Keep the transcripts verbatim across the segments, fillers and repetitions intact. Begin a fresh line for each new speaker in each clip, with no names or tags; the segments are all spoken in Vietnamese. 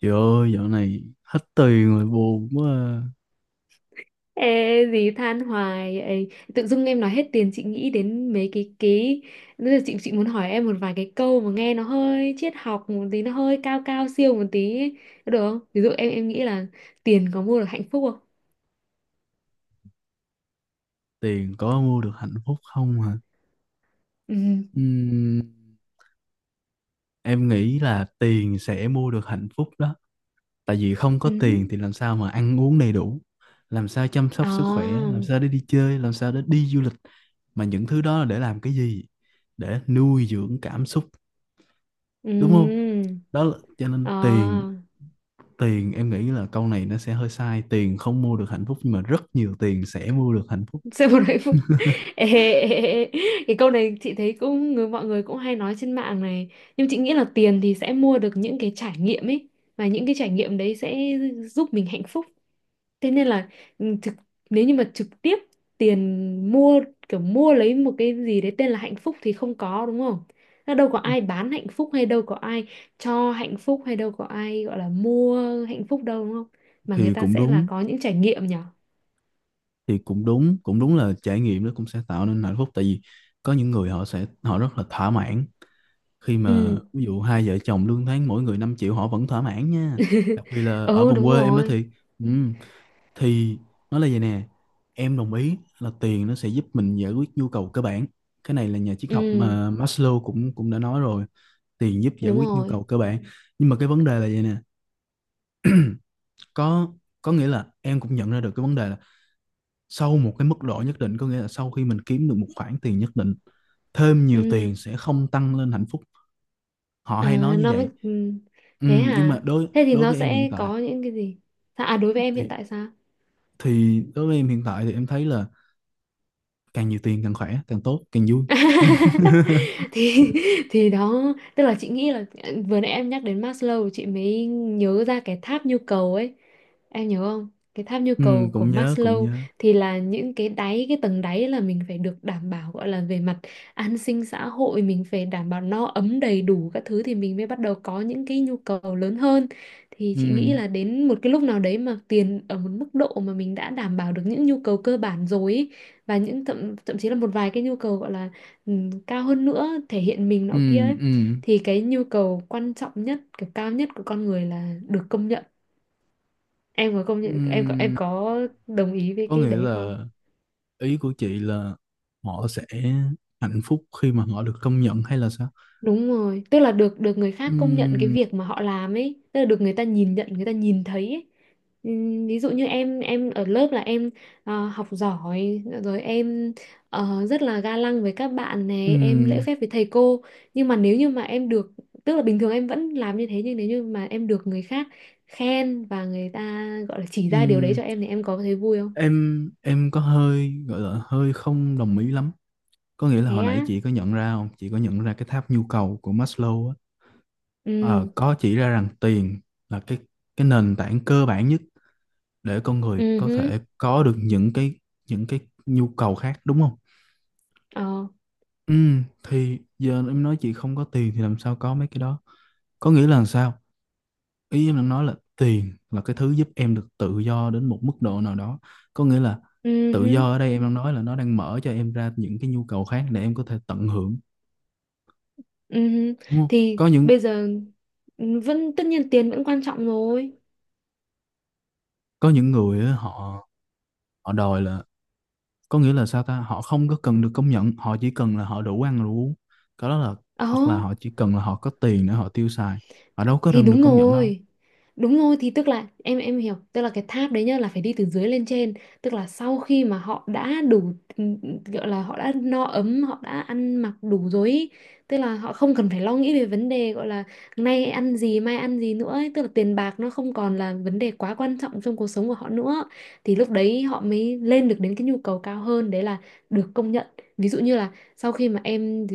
Trời ơi, dạo này hết tiền rồi buồn quá à.
Ê, gì than hoài ấy. Tự dưng em nói hết tiền chị nghĩ đến mấy cái cái bây giờ chị chị muốn hỏi em một vài cái câu mà nghe nó hơi triết học một tí, nó hơi cao cao siêu một tí ấy. Có được không? Ví dụ em em nghĩ là tiền có mua được hạnh phúc không?
Tiền có mua được hạnh phúc không hả?
Ừ.
Ừm, em nghĩ là tiền sẽ mua được hạnh phúc đó. Tại vì không có
Ừ.
tiền thì làm sao mà ăn uống đầy đủ, làm sao chăm sóc sức khỏe,
À.
làm sao để đi chơi, làm sao để đi du lịch. Mà những thứ đó là để làm cái gì? Để nuôi dưỡng cảm xúc, đúng không?
Ừ.
Đó là, cho nên tiền,
À.
tiền em nghĩ là câu này nó sẽ hơi sai. Tiền không mua được hạnh phúc nhưng mà rất nhiều tiền sẽ mua được hạnh phúc.
Seguro hạnh phúc. Ê, ê, ê, ê. Cái câu này chị thấy cũng người mọi người cũng hay nói trên mạng này. Nhưng chị nghĩ là tiền thì sẽ mua được những cái trải nghiệm ấy và những cái trải nghiệm đấy sẽ giúp mình hạnh phúc. Thế nên là ừ, thực nếu như mà trực tiếp tiền mua kiểu mua lấy một cái gì đấy tên là hạnh phúc thì không có, đúng không? Nó đâu có ai bán hạnh phúc hay đâu có ai cho hạnh phúc hay đâu có ai gọi là mua hạnh phúc đâu, đúng không? Mà người
Thì
ta
cũng
sẽ là
đúng
có những trải nghiệm nhở?
thì cũng đúng cũng đúng là trải nghiệm nó cũng sẽ tạo nên hạnh phúc, tại vì có những người họ sẽ họ rất là thỏa mãn. Khi mà
Ừ.
ví dụ hai vợ chồng lương tháng mỗi người năm triệu họ vẫn thỏa mãn nha, đặc biệt là ở
Ừ,
vùng
đúng
quê em đó
rồi.
thì ừ, thì nó là vậy nè. Em đồng ý là tiền nó sẽ giúp mình giải quyết nhu cầu cơ bản, cái này là nhà triết học
Ừ,
mà Maslow cũng cũng đã nói rồi, tiền giúp giải
đúng
quyết nhu
rồi.
cầu cơ bản. Nhưng mà cái vấn đề là vậy nè, có có nghĩa là em cũng nhận ra được cái vấn đề là sau một cái mức độ nhất định, có nghĩa là sau khi mình kiếm được một khoản tiền nhất định, thêm nhiều
Ừ.
tiền sẽ không tăng lên hạnh phúc, họ
À,
hay nói như
nó mới
vậy.
ừ.
Ừ,
Thế
nhưng mà
hả?
đối
Thế thì
đối
nó
với em hiện
sẽ
tại
có những cái gì? Sao- à, đối với em hiện
thì
tại sao?
thì đối với em hiện tại thì em thấy là càng nhiều tiền càng khỏe càng tốt càng vui.
thì thì đó, tức là chị nghĩ là, ờ, vừa nãy em nhắc đến Maslow chị mới nhớ ra cái tháp nhu cầu ấy, em nhớ không, cái tháp nhu
Ừ,
cầu của
cũng nhớ cũng
Maslow.
nhớ.
Thì là những cái đáy cái tầng đáy là mình phải được đảm bảo, gọi là về mặt an sinh xã hội, mình phải đảm bảo no ấm đầy đủ các thứ thì mình mới bắt đầu có những cái nhu cầu lớn hơn. Thì
Ừ,
chị nghĩ là đến một cái lúc nào đấy mà tiền ở một mức độ mà mình đã đảm bảo được những nhu cầu cơ bản rồi ấy, và những thậm thậm chí là một vài cái nhu cầu gọi là, ừm, cao hơn nữa, thể hiện mình
ừ,
nọ kia ấy,
ừ,
thì cái nhu cầu quan trọng nhất, cái cao nhất của con người là được công nhận. em có công nhận em có em
ừ.
có đồng ý với
Có
cái
nghĩa
đấy không?
là ý của chị là họ sẽ hạnh phúc khi mà họ được công nhận hay là sao?
Đúng rồi, tức là được được người khác công nhận cái
Ừ,
việc mà họ làm ấy, tức là được người ta nhìn nhận, người ta nhìn thấy ấy. Ừm, Ví dụ như em em ở lớp là em ờ, học giỏi rồi, em ờ, rất là ga lăng với các bạn
ừ.
này, em lễ phép với thầy cô. Nhưng mà nếu như mà em được, tức là bình thường em vẫn làm như thế, nhưng nếu như mà em được người khác khen và người ta gọi là chỉ ra điều đấy
Ừm,
cho em thì em có thấy vui không?
em em có hơi gọi là hơi không đồng ý lắm. Có nghĩa là
Thế
hồi nãy
á.
chị có nhận ra không? Chị có nhận ra cái tháp nhu cầu của Maslow á. Ờ,
Ừ.
có chỉ ra rằng tiền là cái cái nền tảng cơ bản nhất để con người
Ừ
có
hứ.
thể có được những cái những cái nhu cầu khác đúng không?
Ờ.
Ừ, thì giờ em nói chị không có tiền thì làm sao có mấy cái đó? Có nghĩa là làm sao? Ý em đang nói là tiền là cái thứ giúp em được tự do đến một mức độ nào đó. Có nghĩa là
Ừ.
tự do ở đây em đang nói là nó đang mở cho em ra những cái nhu cầu khác để em có thể tận hưởng,
Ừm,
đúng không?
Thì
có những
bây giờ vẫn tất nhiên tiền vẫn quan trọng rồi.
có những người á, họ họ đòi là, có nghĩa là sao ta, họ không có cần được công nhận, họ chỉ cần là họ đủ ăn đủ uống, cái đó là,
Ờ,
hoặc là họ chỉ cần là họ có tiền để họ tiêu xài, họ đâu có
thì
cần được
đúng
công nhận đâu.
rồi, đúng rồi, thì tức là em em hiểu, tức là cái tháp đấy nhá là phải đi từ dưới lên trên, tức là sau khi mà họ đã đủ, gọi là họ đã no ấm, họ đã ăn mặc đủ rồi ý, tức là họ không cần phải lo nghĩ về vấn đề gọi là nay ăn gì mai ăn gì nữa ấy, tức là tiền bạc nó không còn là vấn đề quá quan trọng trong cuộc sống của họ nữa, thì lúc đấy họ mới lên được đến cái nhu cầu cao hơn, đấy là được công nhận. Ví dụ như là sau khi mà em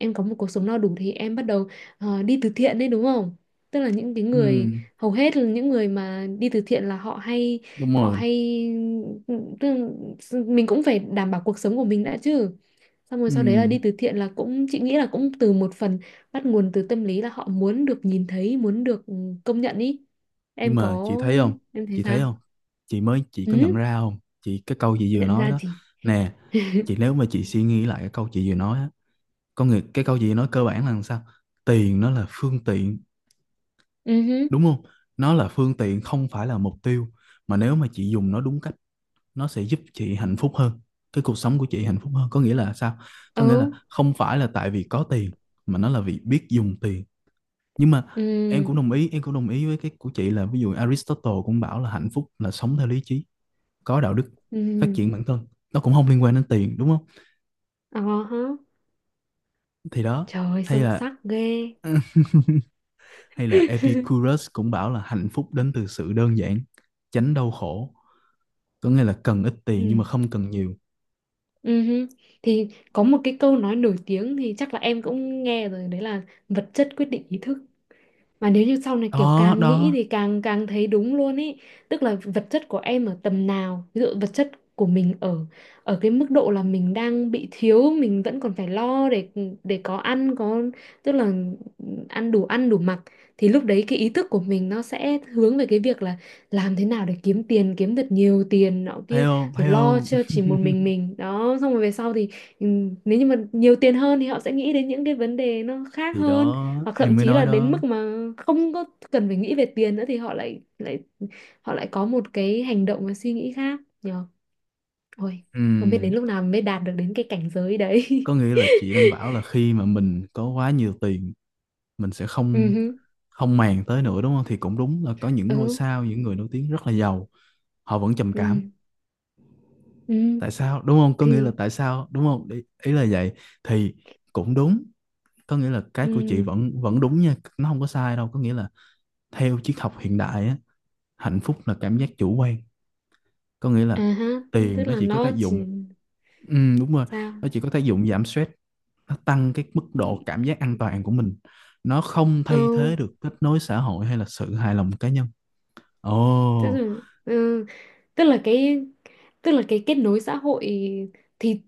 em có một cuộc sống no đủ thì em bắt đầu, ờ, đi từ thiện đấy, đúng không? Tức là những cái
Ừ,
người hầu hết là những người mà đi từ thiện là họ hay
đúng
họ
rồi.
hay tức là mình cũng phải đảm bảo cuộc sống của mình đã chứ, xong rồi sau đấy là
Ừ.
đi từ thiện là cũng, chị nghĩ là cũng từ một phần bắt nguồn từ tâm lý là họ muốn được nhìn thấy, muốn được ừ, công nhận ý.
Nhưng
em
mà chị
có
thấy không,
em thấy
chị thấy
sao?
không, chị mới chị có nhận
Ừ.
ra không chị, cái câu chị vừa
Nhận
nói
ra
đó
gì?
nè. Chị, nếu mà chị suy nghĩ lại cái câu chị vừa nói á, có nghĩa cái câu chị nói cơ bản là làm sao, tiền nó là phương tiện,
Ừ hứ.
đúng không? Nó là phương tiện không phải là mục tiêu, mà nếu mà chị dùng nó đúng cách nó sẽ giúp chị hạnh phúc hơn, cái cuộc sống của chị hạnh phúc hơn. Có nghĩa là sao? Có nghĩa là
Ừ.
không phải là tại vì có tiền mà nó là vì biết dùng tiền. Nhưng mà em
Ừ.
cũng đồng ý em cũng đồng ý với cái của chị là ví dụ Aristotle cũng bảo là hạnh phúc là sống theo lý trí, có đạo đức,
Ừ.
phát
Ừ.
triển bản thân, nó cũng không liên quan đến tiền đúng không?
Ờ hả.
Thì đó,
Trời,
hay
sâu
là
sắc ghê.
hay là Epicurus cũng bảo là hạnh phúc đến từ sự đơn giản, tránh đau khổ, có nghĩa là cần ít tiền
Ừ.
nhưng mà không cần nhiều.
Ừ hứ. Thì có một cái câu nói nổi tiếng thì chắc là em cũng nghe rồi, đấy là vật chất quyết định ý thức, mà nếu như sau này kiểu
Đó
càng nghĩ
đó,
thì càng càng thấy đúng luôn ý. Tức là vật chất của em ở tầm nào, ví dụ vật chất của mình ở ở cái mức độ là mình đang bị thiếu, mình vẫn còn phải lo để để có ăn có, tức là ăn đủ ăn đủ mặc, thì lúc đấy cái ý thức của mình nó sẽ hướng về cái việc là làm thế nào để kiếm tiền, kiếm thật nhiều tiền nọ
thấy
kia,
không
rồi
thấy
lo
không.
cho chỉ một mình mình. Đó, xong rồi về sau thì, ừ, nếu như mà nhiều tiền hơn thì họ sẽ nghĩ đến những cái vấn đề nó khác
Thì
hơn,
đó
hoặc
em
thậm
mới
chí
nói
là đến
đó.
mức mà không có cần phải nghĩ về tiền nữa thì họ lại lại họ lại có một cái hành động và suy nghĩ khác nhờ. Ôi, không biết
Ừm,
đến lúc nào mới đạt được đến cái cảnh giới đấy.
có nghĩa là chị đang bảo là khi mà mình có quá nhiều tiền mình sẽ
Ừ
không
hứ.
không màng tới nữa đúng không? Thì cũng đúng, là có những ngôi
Ừ.
sao, những người nổi tiếng rất là giàu họ vẫn trầm cảm.
Ừ. Ừ.
Tại sao đúng không, có nghĩa là
Thì
tại sao đúng không, ý, ý là vậy. Thì cũng đúng, có nghĩa là cái của chị
ừ.
vẫn vẫn đúng nha, nó không có sai đâu. Có nghĩa là theo triết học hiện đại á, hạnh phúc là cảm giác chủ quan. Có nghĩa là
À ha.
tiền
Tức
nó
là
chỉ có tác
nó chỉ
dụng, ừ, đúng rồi,
sao?
nó chỉ có tác dụng giảm stress, nó tăng cái mức
Ừ.
độ cảm giác an toàn của mình, nó không thay thế
Ừ.
được kết nối xã hội hay là sự hài lòng cá nhân.
Tức
Ồ.
là ừ, tức là cái tức là cái kết nối xã hội, thì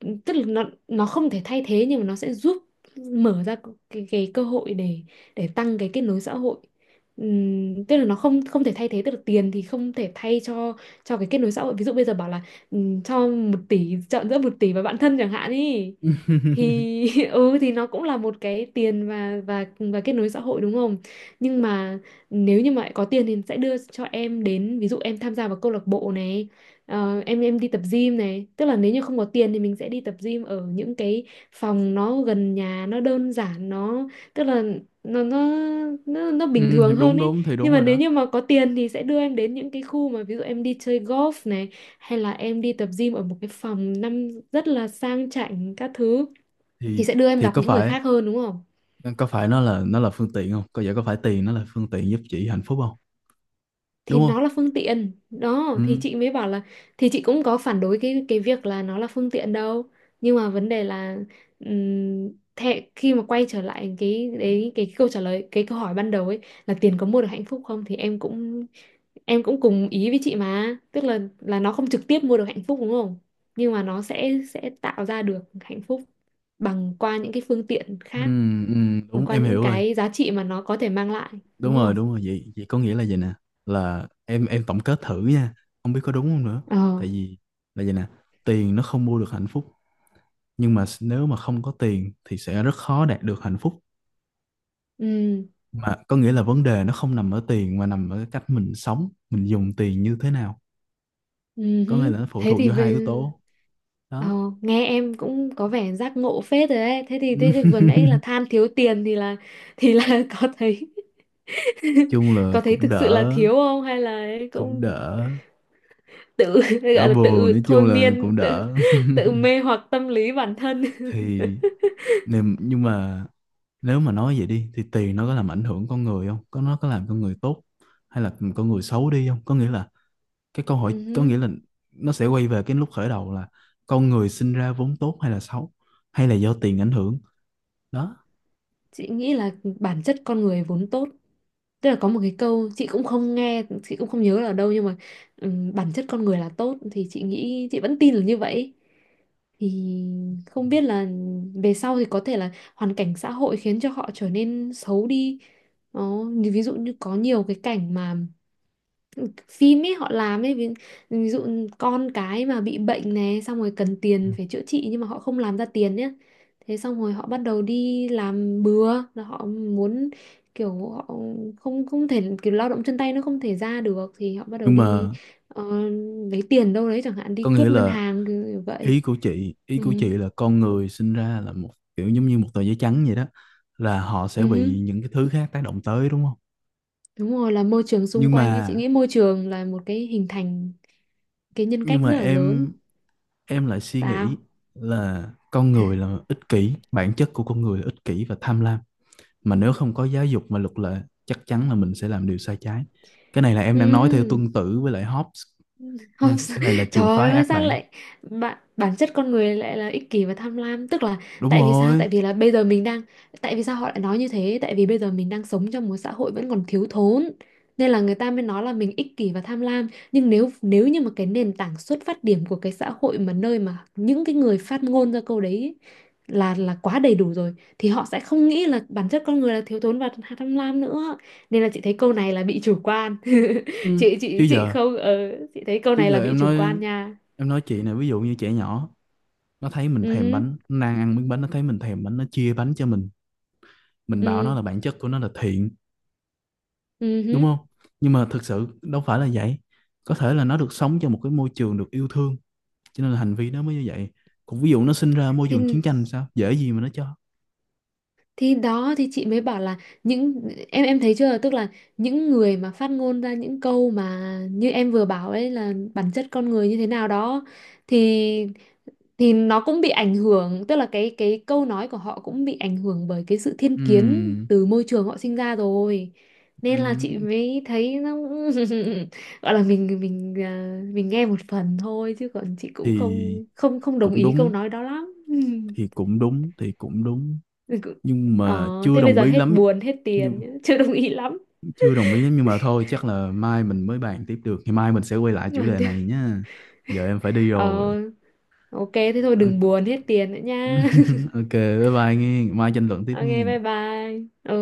tức là nó nó không thể thay thế nhưng mà nó sẽ giúp mở ra cái, cái cơ hội để để tăng cái kết nối xã hội. Ừm, tức là nó không không thể thay thế, tức là tiền thì không thể thay cho cho cái kết nối xã hội. Ví dụ bây giờ bảo là, ừm, cho một tỷ, chọn giữa một tỷ và bạn thân chẳng hạn ý, thì ừ, thì nó cũng là một cái tiền và và và kết nối xã hội, đúng không? Nhưng mà nếu như mà có tiền thì sẽ đưa cho em đến, ví dụ em tham gia vào câu lạc bộ này, ờ, em em đi tập gym này, tức là nếu như không có tiền thì mình sẽ đi tập gym ở những cái phòng nó gần nhà, nó đơn giản, nó, tức là nó nó nó, nó
Ừ,
bình thường hơn
đúng
ấy.
đúng thì
Nhưng
đúng
mà
rồi
nếu
đó.
như mà có tiền thì sẽ đưa em đến những cái khu mà ví dụ em đi chơi golf này, hay là em đi tập gym ở một cái phòng năm rất là sang chảnh các thứ, thì
Thì
sẽ đưa em
thì
gặp
có
những người
phải
khác hơn, đúng không?
có phải nó là nó là phương tiện không? Có vậy có phải tiền nó là phương tiện giúp chị hạnh phúc không?
Thì
Đúng
nó
không?
là phương tiện đó, thì
Ừ.
chị mới bảo là, thì chị cũng có phản đối cái cái việc là nó là phương tiện đâu, nhưng mà vấn đề là, ừm, thế khi mà quay trở lại cái đấy cái, câu trả lời cái câu hỏi ban đầu ấy, là tiền có mua được hạnh phúc không, thì em cũng em cũng cùng ý với chị mà, tức là là nó không trực tiếp mua được hạnh phúc, đúng không, nhưng mà nó sẽ sẽ tạo ra được hạnh phúc bằng qua những cái phương tiện
Ừ,
khác,
ừ,
bằng
đúng
qua
em
những
hiểu rồi.
cái giá trị mà nó có thể mang lại, đúng
Đúng rồi,
không?
đúng rồi. Vậy vậy có nghĩa là vậy nè, là em em tổng kết thử nha, không biết có đúng không nữa.
Ờ.
Tại vì là vậy nè, tiền nó không mua được hạnh phúc, nhưng mà nếu mà không có tiền thì sẽ rất khó đạt được hạnh phúc.
Ừ.
Mà có nghĩa là vấn đề nó không nằm ở tiền mà nằm ở cái cách mình sống, mình dùng tiền như thế nào,
Ừ
có nghĩa
hứ.
là nó phụ
Thế
thuộc
thì
vô hai yếu
bây-
tố
ờ,
đó.
nghe em cũng có vẻ giác ngộ phết rồi đấy. Thế thì, thế thì vừa nãy là than thiếu tiền thì là thì là có thấy
Chung là
có thấy
cũng
thực sự là
đỡ,
thiếu không hay là ấy
cũng
cũng
đỡ,
tự
đỡ
gọi là
buồn,
tự
nói chung
thôi
là
miên,
cũng
tự
đỡ.
tự mê hoặc tâm lý bản thân.
Thì niềm, nhưng mà nếu mà nói vậy đi thì tiền nó có làm ảnh hưởng con người không, có nó có làm con người tốt hay là con người xấu đi không, có nghĩa là cái câu
Ừ
hỏi có
hứ.
nghĩa là nó sẽ quay về cái lúc khởi đầu là con người sinh ra vốn tốt hay là xấu, hay là do tiền ảnh hưởng. Đó,
Chị nghĩ là bản chất con người vốn tốt, tức là có một cái câu chị cũng không nghe, chị cũng không nhớ là ở đâu, nhưng mà, ừm, bản chất con người là tốt thì chị nghĩ chị vẫn tin là như vậy. Thì không biết là về sau thì có thể là hoàn cảnh xã hội khiến cho họ trở nên xấu đi. Đó, như ví dụ như có nhiều cái cảnh mà phim ấy họ làm ấy, ví, ví dụ con cái mà bị bệnh này, xong rồi cần tiền phải chữa trị nhưng mà họ không làm ra tiền nhé, thế xong rồi họ bắt đầu đi làm bừa là họ muốn, kiểu họ không không thể, kiểu lao động chân tay nó không thể ra được thì họ bắt đầu
nhưng
đi,
mà
ờ, lấy tiền đâu đấy chẳng hạn, đi
có
cướp
nghĩa
ngân
là
hàng kiểu vậy.
ý của chị ý
Ừ.
của chị là con người sinh ra là một kiểu giống như một tờ giấy trắng vậy đó, là họ sẽ
Ừ.
bị những cái thứ khác tác động tới đúng không?
Đúng rồi, là môi trường xung
nhưng
quanh ấy, chị
mà
nghĩ môi trường là một cái hình thành cái nhân
nhưng
cách
mà
rất là lớn.
em em lại suy nghĩ
Sao?
là con người là ích kỷ, bản chất của con người là ích kỷ và tham lam, mà nếu không có giáo dục và luật lệ chắc chắn là mình sẽ làm điều sai trái. Cái này là em đang nói theo
Ừ.
Tuân Tử với lại Hobbes nha,
Không, sao-
cái này là trường
trời
phái
ơi,
ác
sao
bản.
lại bạn bản chất con người lại là ích kỷ và tham lam, tức là
Đúng
tại vì sao,
rồi.
tại vì là bây giờ mình đang, tại vì sao họ lại nói như thế, tại vì bây giờ mình đang sống trong một xã hội vẫn còn thiếu thốn nên là người ta mới nói là mình ích kỷ và tham lam. Nhưng nếu nếu như mà cái nền tảng xuất phát điểm của cái xã hội mà nơi mà những cái người phát ngôn ra câu đấy ấy, là là quá đầy đủ rồi thì họ sẽ không nghĩ là bản chất con người là thiếu thốn và tham lam nữa, nên là chị thấy câu này là bị chủ quan.
Ừ.
chị chị
chứ
chị
giờ
không, ờ, chị thấy câu
chứ
này là
giờ
bị
em
chủ
nói
quan nha.
em nói chị này, ví dụ như trẻ nhỏ, nó thấy mình
Ừ
thèm
hứ.
bánh, nó đang ăn miếng bánh, nó thấy mình thèm bánh, nó chia bánh cho mình mình bảo
Ừ.
nó là bản chất của nó là thiện
Ừ
đúng
hứ.
không? Nhưng mà thực sự đâu phải là vậy, có thể là nó được sống trong một cái môi trường được yêu thương cho nên là hành vi nó mới như vậy, còn ví dụ nó sinh ra môi trường
thì
chiến tranh sao dễ gì mà nó cho.
thì đó, thì chị mới bảo là, những em em thấy chưa, tức là những người mà phát ngôn ra những câu mà như em vừa bảo ấy là bản chất con người như thế nào đó, thì thì nó cũng bị ảnh hưởng, tức là cái cái câu nói của họ cũng bị ảnh hưởng bởi cái sự thiên kiến
Ừm,
từ môi trường họ sinh ra rồi, nên là chị
ừm,
mới thấy nó cũng gọi là mình mình à, mình nghe một phần thôi chứ còn chị cũng
thì
không không không đồng
cũng
ý câu
đúng
nói đó lắm.
thì cũng đúng thì cũng đúng
Mình cũng-
nhưng
ờ,
mà chưa
Thế bây
đồng
giờ
ý
hết
lắm
buồn hết tiền
nhưng
nhá. Chưa đồng ý lắm.
chưa đồng ý lắm, nhưng mà thôi chắc là mai mình mới bàn tiếp được thì mai mình sẽ quay lại chủ
Mà
đề này
thế-
nhá, giờ em phải đi
ờ,
rồi.
ok, thế thôi đừng
Ok,
buồn hết tiền nữa nha.
ok, bye bye nghe. Mai tranh luận tiếp
Ok
nghe.
bye bye. Ừ.